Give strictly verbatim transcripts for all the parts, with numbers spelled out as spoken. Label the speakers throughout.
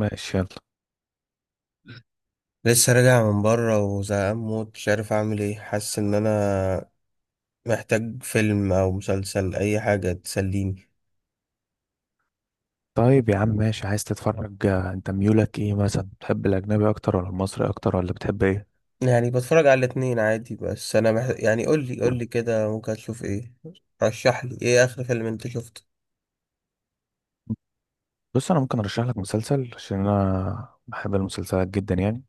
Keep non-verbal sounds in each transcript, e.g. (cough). Speaker 1: ماشي، يلا.
Speaker 2: لسه راجع من بره وزهقان موت، مش عارف اعمل ايه. حاسس ان انا محتاج فيلم او مسلسل، اي حاجه تسليني.
Speaker 1: طيب يا عم، ماشي، عايز تتفرج آه، انت ميولك ايه مثلا؟ بتحب الاجنبي اكتر ولا المصري اكتر ولا بتحب ايه؟
Speaker 2: يعني بتفرج على الاتنين عادي، بس انا محتاج، يعني، قول لي قول لي كده ممكن اشوف ايه. رشح لي ايه اخر فيلم انت شفته؟
Speaker 1: بص، انا ممكن ارشح لك مسلسل، عشان انا بحب المسلسلات جدا يعني.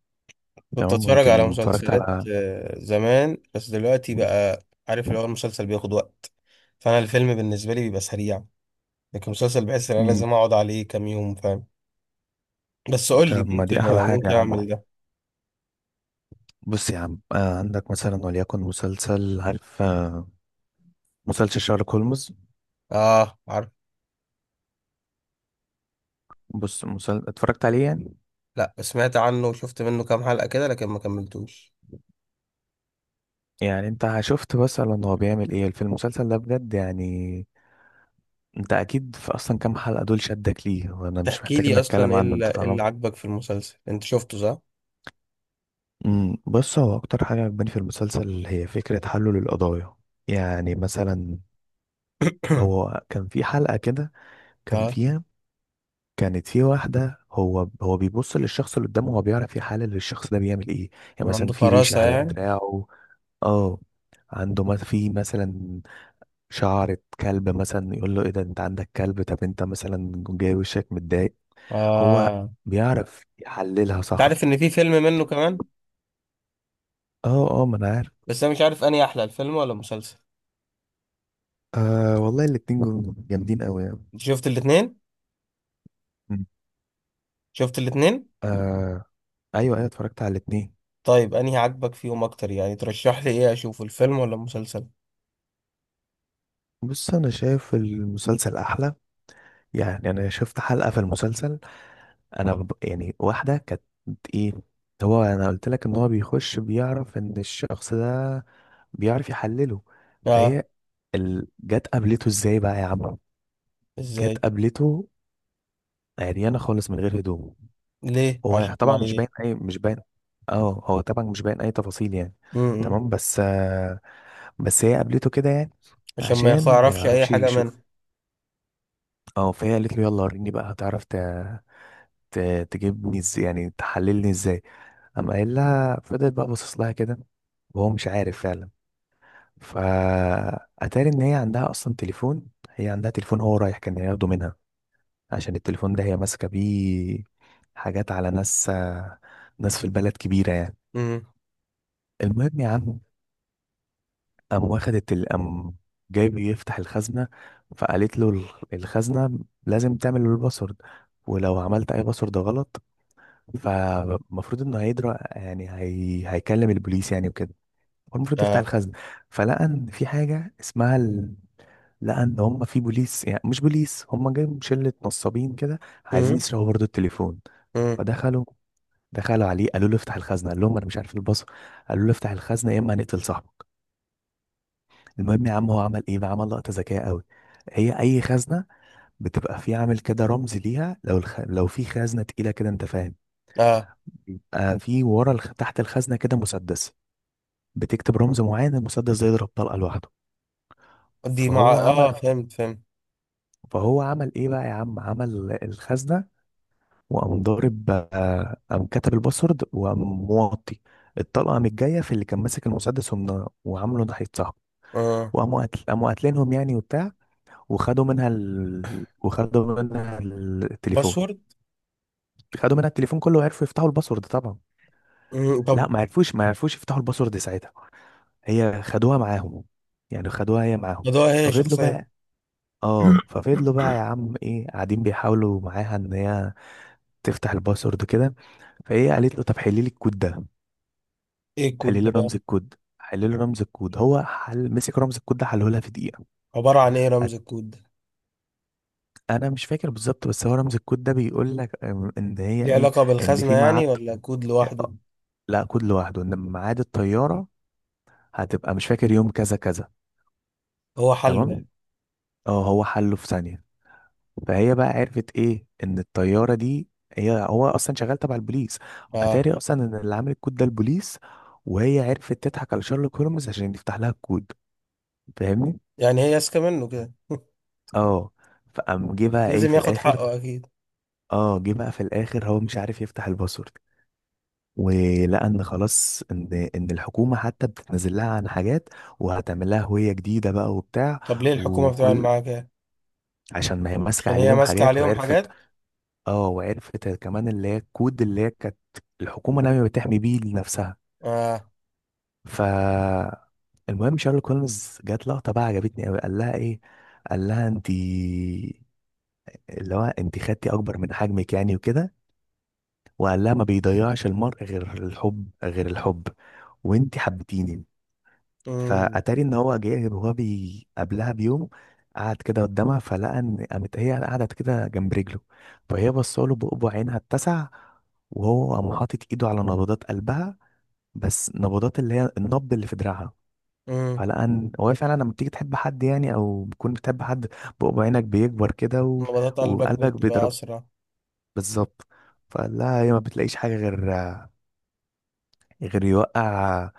Speaker 2: كنت
Speaker 1: تمام،
Speaker 2: اتفرج على
Speaker 1: يمكن اتفرجت
Speaker 2: مسلسلات
Speaker 1: على.
Speaker 2: آه، زمان، بس دلوقتي بقى عارف اللي هو المسلسل بياخد وقت، فانا الفيلم بالنسبه لي بيبقى سريع، لكن مسلسل بحس ان انا
Speaker 1: مم.
Speaker 2: لازم اقعد عليه كام يوم، فاهم. بس قول لي،
Speaker 1: طب ما
Speaker 2: ممكن
Speaker 1: دي احلى حاجه
Speaker 2: ممكن
Speaker 1: يا
Speaker 2: اعمل
Speaker 1: عم.
Speaker 2: ده.
Speaker 1: بص يا عم آه عندك مثلا وليكن مسلسل، عارف آه مسلسل شارلوك هولمز.
Speaker 2: اه، عارف.
Speaker 1: بص، مسل... اتفرجت عليه يعني.
Speaker 2: لا، سمعت عنه وشفت منه كام حلقة كده، لكن ما كملتوش.
Speaker 1: يعني انت شفت مثلا هو بيعمل ايه في المسلسل ده بجد يعني؟ انت اكيد في اصلا كام حلقة دول شدك ليه، وانا مش
Speaker 2: تحكي
Speaker 1: محتاج ان
Speaker 2: لي اصلا
Speaker 1: اتكلم
Speaker 2: ايه
Speaker 1: عنه،
Speaker 2: اللي،
Speaker 1: انت
Speaker 2: إيه اللي
Speaker 1: طالما.
Speaker 2: عجبك في المسلسل، انت شفته صح؟
Speaker 1: امم بص، هو اكتر حاجة عجباني في المسلسل هي فكرة حله للقضايا. يعني مثلا،
Speaker 2: (clears throat)
Speaker 1: هو كان في حلقة كده كان
Speaker 2: اه،
Speaker 1: فيها كانت في واحدة، هو هو بيبص للشخص اللي قدامه، هو بيعرف يحلل الشخص ده بيعمل ايه. يعني مثلا
Speaker 2: عنده
Speaker 1: في ريشة
Speaker 2: فراسة
Speaker 1: على
Speaker 2: يعني.
Speaker 1: دراعه. اه، عنده ما في مثلا شعرة كلب، مثلا يقول له ايه ده، انت عندك كلب؟ طب انت مثلا جاي وشك متضايق. هو
Speaker 2: اه.
Speaker 1: بيعرف يحللها،
Speaker 2: انت
Speaker 1: صح؟
Speaker 2: عارف ان في فيلم منه كمان،
Speaker 1: اه اه، ما انا عارف.
Speaker 2: بس انا مش عارف انهي احلى، الفيلم ولا المسلسل.
Speaker 1: آه والله الاتنين جم- جامدين قوي يعني.
Speaker 2: انت شفت الاتنين؟
Speaker 1: مم.
Speaker 2: شفت الاتنين.
Speaker 1: آه، ايوه ايوه، اتفرجت على الاتنين.
Speaker 2: طيب انهي عجبك فيهم اكتر؟ يعني ترشح لي ايه، اشوف الفيلم ولا المسلسل؟
Speaker 1: بص، انا شايف المسلسل احلى. يعني انا شفت حلقة في المسلسل، انا ب... يعني واحدة كانت ايه، هو انا قلت لك ان هو بيخش بيعرف ان الشخص ده بيعرف يحلله.
Speaker 2: اه.
Speaker 1: فهي ال... جت قابلته ازاي بقى يا عم؟ جت
Speaker 2: ازاي؟
Speaker 1: قابلته عريانة خالص من غير هدوم.
Speaker 2: ليه؟ عشان
Speaker 1: هو
Speaker 2: ما
Speaker 1: طبعا مش
Speaker 2: ي...
Speaker 1: باين اي مش باين. اه، هو طبعا مش باين اي تفاصيل يعني.
Speaker 2: م -م.
Speaker 1: تمام بس آه بس هي قابلته كده يعني،
Speaker 2: عشان ما
Speaker 1: عشان ما
Speaker 2: يعرفش اي
Speaker 1: يعرفش
Speaker 2: حاجة منها.
Speaker 1: يشوف. اه، فهي قالت له يلا وريني بقى، هتعرف ت... ت... تجيبني ازاي، يعني تحللني ازاي. قام قايل لها، فضلت بقى باصص لها كده، وهو مش عارف فعلا. فأتاري إن هي عندها أصلا تليفون، هي عندها تليفون، هو رايح كان ياخده منها، عشان التليفون ده هي ماسكة بيه حاجات على ناس ناس في البلد كبيرة يعني.
Speaker 2: امم.
Speaker 1: المهم يا عم، قام واخدت ال- قام جايب يفتح الخزنة. فقالت له ال- الخزنة لازم تعمل له الباسورد، ولو عملت أي باسورد غلط، فالمفروض إنه هيدرى يعني، هي... هيكلم البوليس يعني وكده. هو المفروض يفتح
Speaker 2: اه.
Speaker 1: الخزنة. فلقى إن في حاجة اسمها ال... لقى إن هم في بوليس، يعني مش بوليس، هم جايين شلة نصابين كده، عايزين
Speaker 2: امم.
Speaker 1: يسرقوا برضه التليفون. فدخلوا دخلوا عليه قالوا له افتح الخزنة، قال لهم أنا مش عارف الباسورد. قالوا له افتح الخزنة يا إما هنقتل صاحبك. المهم يا عم، هو عمل ايه بقى؟ عمل لقطه ذكيه قوي. هي اي خزنه بتبقى في عامل كده رمز ليها، لو الخ... لو في خزنه تقيله كده، انت فاهم،
Speaker 2: اه.
Speaker 1: بيبقى في ورا الخ... تحت الخزنه كده مسدس، بتكتب رمز معين المسدس ده يضرب طلقه لوحده.
Speaker 2: دي مع
Speaker 1: فهو
Speaker 2: اه
Speaker 1: عمل
Speaker 2: فهمت فهمت.
Speaker 1: فهو عمل ايه بقى يا عم؟ عمل الخزنه وقام ضارب آه، قام كتب الباسورد وقام موطي. الطلقه قامت جايه في اللي كان ماسك المسدس، ومن- وعامله ناحيه صاحبه.
Speaker 2: اه،
Speaker 1: وقاموا قتل... قاموا قاتلينهم يعني وبتاع. وخدوا منها ال... وخدوا منها التليفون.
Speaker 2: باسورد.
Speaker 1: خدوا منها التليفون كله وعرفوا يفتحوا الباسورد طبعا؟
Speaker 2: مم،
Speaker 1: لا،
Speaker 2: طب.
Speaker 1: ما عرفوش ما عرفوش يفتحوا الباسورد ساعتها. هي خدوها معاهم، يعني خدوها هي معاهم.
Speaker 2: ده هي
Speaker 1: ففضلوا
Speaker 2: شخصية.
Speaker 1: بقى اه، ففضلوا بقى يا عم ايه قاعدين بيحاولوا معاها ان هي تفتح الباسورد كده. فهي قالت له طب حلي لي الكود ده.
Speaker 2: ايه الكود
Speaker 1: حلي لي
Speaker 2: ده بقى؟
Speaker 1: رمز الكود حلي لي رمز الكود، هو حل، مسك رمز الكود ده حله لها في دقيقة.
Speaker 2: عبارة عن ايه
Speaker 1: أت-
Speaker 2: رمز الكود ده؟
Speaker 1: انا مش فاكر بالظبط، بس هو رمز الكود ده بيقول لك أم، ان هي
Speaker 2: ليه
Speaker 1: ايه،
Speaker 2: علاقة
Speaker 1: ان
Speaker 2: بالخزنة
Speaker 1: في ميعاد،
Speaker 2: يعني، ولا كود لوحده؟
Speaker 1: لا كود لوحده، ان ميعاد الطياره هتبقى مش فاكر يوم كذا كذا.
Speaker 2: هو حله
Speaker 1: تمام،
Speaker 2: يعني؟
Speaker 1: اه، هو حله في ثانيه. فهي بقى عرفت ايه، ان الطياره دي هي هو اصلا شغال تبع البوليس.
Speaker 2: اه.
Speaker 1: اتاري اصلا ان اللي عامل الكود ده البوليس، وهي عرفت تضحك على شارلوك هولمز عشان يفتح لها الكود. فاهمني؟
Speaker 2: يعني هي ماسكة منه كده.
Speaker 1: اه. فقام جه بقى ايه
Speaker 2: لازم
Speaker 1: في
Speaker 2: ياخد
Speaker 1: الاخر.
Speaker 2: حقه اكيد.
Speaker 1: اه، جه بقى في الاخر هو مش عارف يفتح الباسورد، ولان خلاص ان ان الحكومه حتى بتتنزل لها عن حاجات، وهتعمل لها هويه جديده بقى وبتاع،
Speaker 2: طب ليه الحكومة بتعمل
Speaker 1: وكل،
Speaker 2: معاه كده؟
Speaker 1: عشان ما هي ماسكه
Speaker 2: عشان هي
Speaker 1: عليهم
Speaker 2: ماسكة
Speaker 1: حاجات
Speaker 2: عليهم
Speaker 1: وعرفت.
Speaker 2: حاجات.
Speaker 1: اه، وعرفت كمان اللي هي الكود اللي هي كانت الحكومه ناويه بتحمي بيه لنفسها.
Speaker 2: اه.
Speaker 1: ف المهم، شارل كولمز جات لقطه بقى عجبتني قوي، قال لها ايه، قال لها انت، اللي هو انت خدتي اكبر من حجمك يعني وكده، وقال لها ما بيضيعش المرء غير الحب، غير الحب، وانت حبتيني.
Speaker 2: امم.
Speaker 1: فاتاري ان هو جه، وهو بي قبلها بيوم قعد كده قدامها، فلقى ان قامت هي قعدت كده جنب رجله، فهي بصاله بقبع عينها اتسع، وهو قام حاطط ايده على نبضات قلبها، بس نبضات اللي هي النبض اللي في دراعها.
Speaker 2: امم.
Speaker 1: فلقى ان هو فعلا لما بتيجي تحب حد، يعني او بتكون بتحب حد، بقبع عينك بيكبر كده و...
Speaker 2: نبضات قلبك
Speaker 1: وقلبك
Speaker 2: بتبقى
Speaker 1: بيضرب.
Speaker 2: اسرع.
Speaker 1: بالظبط. فقال لها هي ما بتلاقيش حاجه غير غير يوقع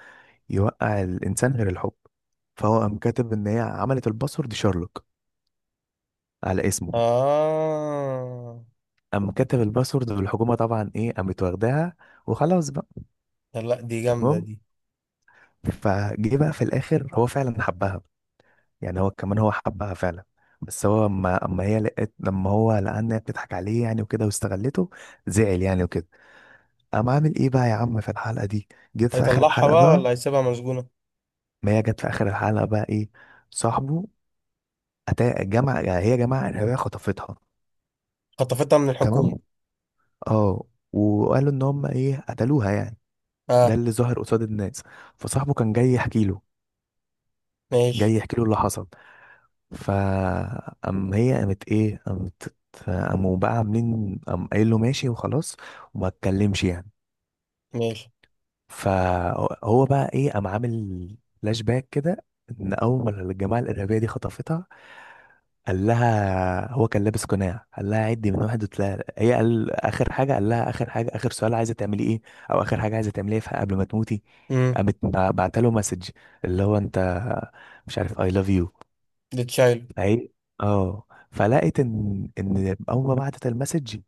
Speaker 1: يوقع الانسان غير الحب. فهو قام كاتب ان هي عملت الباسورد شارلوك على اسمه.
Speaker 2: اه.
Speaker 1: قام كاتب الباسورد، والحكومه طبعا ايه، قامت واخداها وخلاص بقى.
Speaker 2: لا، دي جامدة
Speaker 1: تمام.
Speaker 2: دي.
Speaker 1: فجه بقى في الاخر هو فعلا حبها، يعني هو كمان هو حبها فعلا، بس هو اما اما هي لقيت، لما هو لقى ان هي بتضحك عليه يعني وكده واستغلته، زعل يعني وكده. قام عامل ايه بقى يا عم في الحلقه دي؟ جيت في اخر
Speaker 2: هيطلعها
Speaker 1: الحلقه
Speaker 2: بقى
Speaker 1: بقى،
Speaker 2: ولا هيسيبها مسجونة؟
Speaker 1: ما هي جت في اخر الحلقه بقى ايه، صاحبه، أتا... جمع هي جماعه ارهابيه خطفتها.
Speaker 2: خطفتها من الحكومة؟
Speaker 1: تمام، اه. وقالوا ان هم ايه، قتلوها يعني، ده
Speaker 2: اه.
Speaker 1: اللي ظهر قصاد الناس. فصاحبه كان جاي يحكي له
Speaker 2: ماشي.
Speaker 1: جاي يحكي له اللي حصل. فأم هي قامت ايه، قامت، قاموا بقى عاملين، قام قايل له ماشي وخلاص، وما اتكلمش يعني.
Speaker 2: ماشي.
Speaker 1: فهو بقى ايه، قام عامل فلاش باك كده، ان اول ما الجماعه الارهابيه دي خطفتها، قال لها هو كان لابس قناع، قال لها عدي من واحد وتلاقي، هي قال اخر حاجه، قال لها اخر حاجه، اخر سؤال عايزه تعملي ايه، او اخر حاجه عايزه تعمليها في قبل ما تموتي.
Speaker 2: امم.
Speaker 1: قامت بعت له مسج، اللي هو انت، مش عارف اي، لاف يو.
Speaker 2: لتشايلو.
Speaker 1: فهي، اه، فلقيت ان ان اول ما بعتت المسج،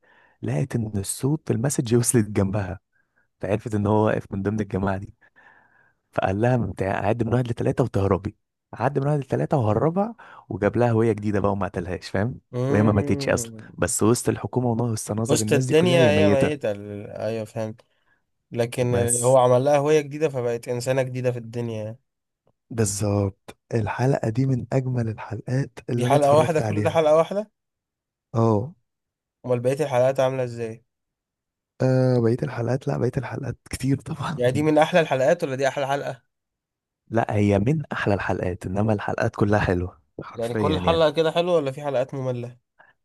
Speaker 1: لقيت ان الصوت في المسج وصلت جنبها، فعرفت ان هو واقف من ضمن الجماعه دي. فقال لها بتاع عد من واحد لتلاتة وتهربي، عد من واحد لتلاتة وهربها، وجاب لها هوية جديدة بقى، وما قتلهاش، فاهم؟ وهي ما ماتتش أصلا،
Speaker 2: امم.
Speaker 1: بس وسط الحكومة ونص نظر
Speaker 2: وسط
Speaker 1: الناس دي كلها
Speaker 2: الدنيا
Speaker 1: هي
Speaker 2: هي ميتة
Speaker 1: ميتة.
Speaker 2: ال- ايوه فهمت. لكن
Speaker 1: بس.
Speaker 2: هو عمل لها هوية جديدة فبقت انسانة جديدة في الدنيا يعني.
Speaker 1: بالظبط، الحلقة دي من أجمل الحلقات
Speaker 2: دي
Speaker 1: اللي أنا
Speaker 2: حلقة واحدة؟
Speaker 1: اتفرجت
Speaker 2: كل ده
Speaker 1: عليها.
Speaker 2: حلقة واحدة؟
Speaker 1: اه.
Speaker 2: امال بقية الحلقات عاملة ازاي؟
Speaker 1: آه، بقية الحلقات، لا، بقية الحلقات كتير طبعا.
Speaker 2: يعني دي من
Speaker 1: (laughs)
Speaker 2: احلى الحلقات ولا دي احلى حلقة؟
Speaker 1: لا، هي من أحلى الحلقات، إنما الحلقات كلها حلوة
Speaker 2: يعني
Speaker 1: حرفيا
Speaker 2: كل
Speaker 1: يعني.
Speaker 2: حلقة كده حلوة ولا في حلقات مملة؟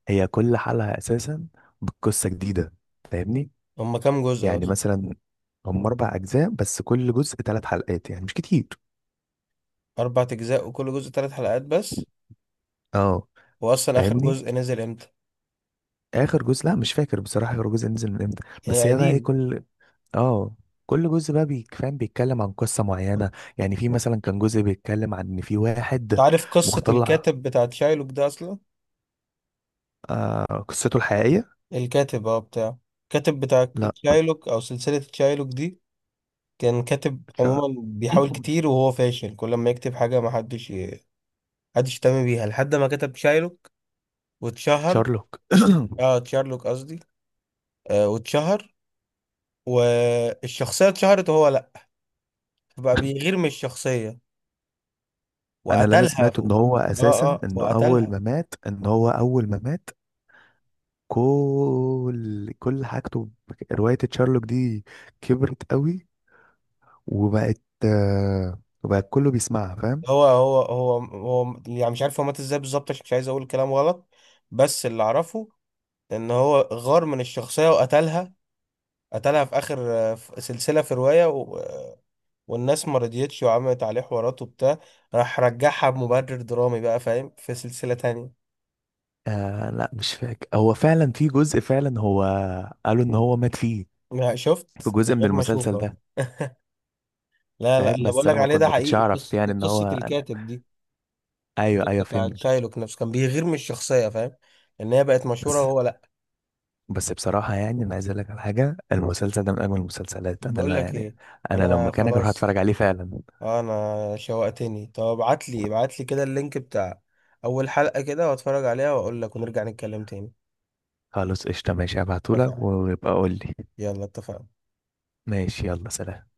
Speaker 1: هي كل حلقة أساسا بقصة جديدة، فاهمني.
Speaker 2: هما كام جزء
Speaker 1: يعني
Speaker 2: اصلا؟
Speaker 1: مثلا، هم اربع اجزاء بس، كل جزء ثلاث حلقات يعني، مش كتير.
Speaker 2: اربع اجزاء وكل جزء ثلاث حلقات بس؟
Speaker 1: اه،
Speaker 2: واصلا اخر
Speaker 1: فاهمني.
Speaker 2: جزء نزل امتى؟
Speaker 1: اخر جزء، لا مش فاكر بصراحه اخر جزء نزل من امتى، بس
Speaker 2: يعني
Speaker 1: هي بقى ايه،
Speaker 2: قديم.
Speaker 1: كل، اه، كل جزء بقى بيك- فاهم بيتكلم عن قصه معينه. يعني في مثلا كان جزء بيتكلم عن ان في واحد
Speaker 2: تعرف قصة
Speaker 1: مختلع.
Speaker 2: الكاتب بتاع تشايلوك ده اصلا؟
Speaker 1: آه، قصته الحقيقيه،
Speaker 2: الكاتب، اه بتاعه، الكاتب بتاع
Speaker 1: لا،
Speaker 2: تشايلوك او سلسلة تشايلوك دي، كان كاتب
Speaker 1: شا-
Speaker 2: عموما بيحاول
Speaker 1: (coughs) (clears throat)
Speaker 2: كتير وهو فاشل، كل ما يكتب حاجة ما حدش ي- حدش يهتم بيها لحد ما كتب تشايلوك واتشهر.
Speaker 1: شارلوك. (clears throat)
Speaker 2: اه، تشارلوك قصدي. آه، واتشهر، والشخصية اتشهرت وهو لا، بقى بيغير من الشخصية
Speaker 1: انا اللي انا
Speaker 2: وقتلها
Speaker 1: سمعته ان
Speaker 2: فوق.
Speaker 1: هو
Speaker 2: اه
Speaker 1: اساسا،
Speaker 2: اه،
Speaker 1: انه اول
Speaker 2: وقتلها.
Speaker 1: ما مات، ان هو اول ما مات كل كل حاجته ب- رواية تشارلوك دي كبرت قوي، وبقت آه، وبقت كله بيسمعها، فاهم.
Speaker 2: هو هو هو هو يعني مش عارف هو مات ازاي بالظبط، عشان مش عايز اقول كلام غلط، بس اللي اعرفه ان هو غار من الشخصية وقتلها. قتلها في اخر، في سلسله، في روايه، و... والناس ما رضيتش وعملت عليه حوارات وبتاع، راح رجعها بمبرر درامي بقى، فاهم، في سلسله تانية.
Speaker 1: آه، لا مش فاكر، هو فعلا في جزء فعلا هو قالوا ان هو مات فيه،
Speaker 2: ما
Speaker 1: في
Speaker 2: شفت من
Speaker 1: جزء من
Speaker 2: غير ما
Speaker 1: المسلسل
Speaker 2: اشوفها.
Speaker 1: ده.
Speaker 2: (laughs) لا لا،
Speaker 1: فاهم،
Speaker 2: اللي بقول
Speaker 1: بس
Speaker 2: لك
Speaker 1: انا ما
Speaker 2: عليه
Speaker 1: كنت
Speaker 2: ده
Speaker 1: ما كنتش
Speaker 2: حقيقي،
Speaker 1: اعرف
Speaker 2: قصه
Speaker 1: يعني ان
Speaker 2: قصة
Speaker 1: هو،
Speaker 2: الكاتب دي.
Speaker 1: ايوه
Speaker 2: الكاتب
Speaker 1: ايوه،
Speaker 2: بتاع
Speaker 1: فهمت.
Speaker 2: شايلوك نفسه كان بيغير من الشخصيه، فاهم، ان هي بقت مشهوره
Speaker 1: بس،
Speaker 2: وهو لا.
Speaker 1: بس بصراحة يعني انا عايز اقول لك على حاجة، المسلسل ده من اجمل المسلسلات، انا
Speaker 2: بقول
Speaker 1: لا
Speaker 2: لك
Speaker 1: يعني،
Speaker 2: ايه،
Speaker 1: انا لو
Speaker 2: انا
Speaker 1: مكانك اروح اتفرج
Speaker 2: خلاص،
Speaker 1: عليه فعلا.
Speaker 2: آه، انا شوقتني. طب ابعت لي ابعت لي كده اللينك بتاع اول حلقه كده، واتفرج عليها واقول لك ونرجع نتكلم تاني.
Speaker 1: خلاص، قشطة، ماشي، هبعتهولك
Speaker 2: اتفقنا.
Speaker 1: ويبقى قول لي.
Speaker 2: يلا اتفقنا.
Speaker 1: ماشي، يلا، سلام.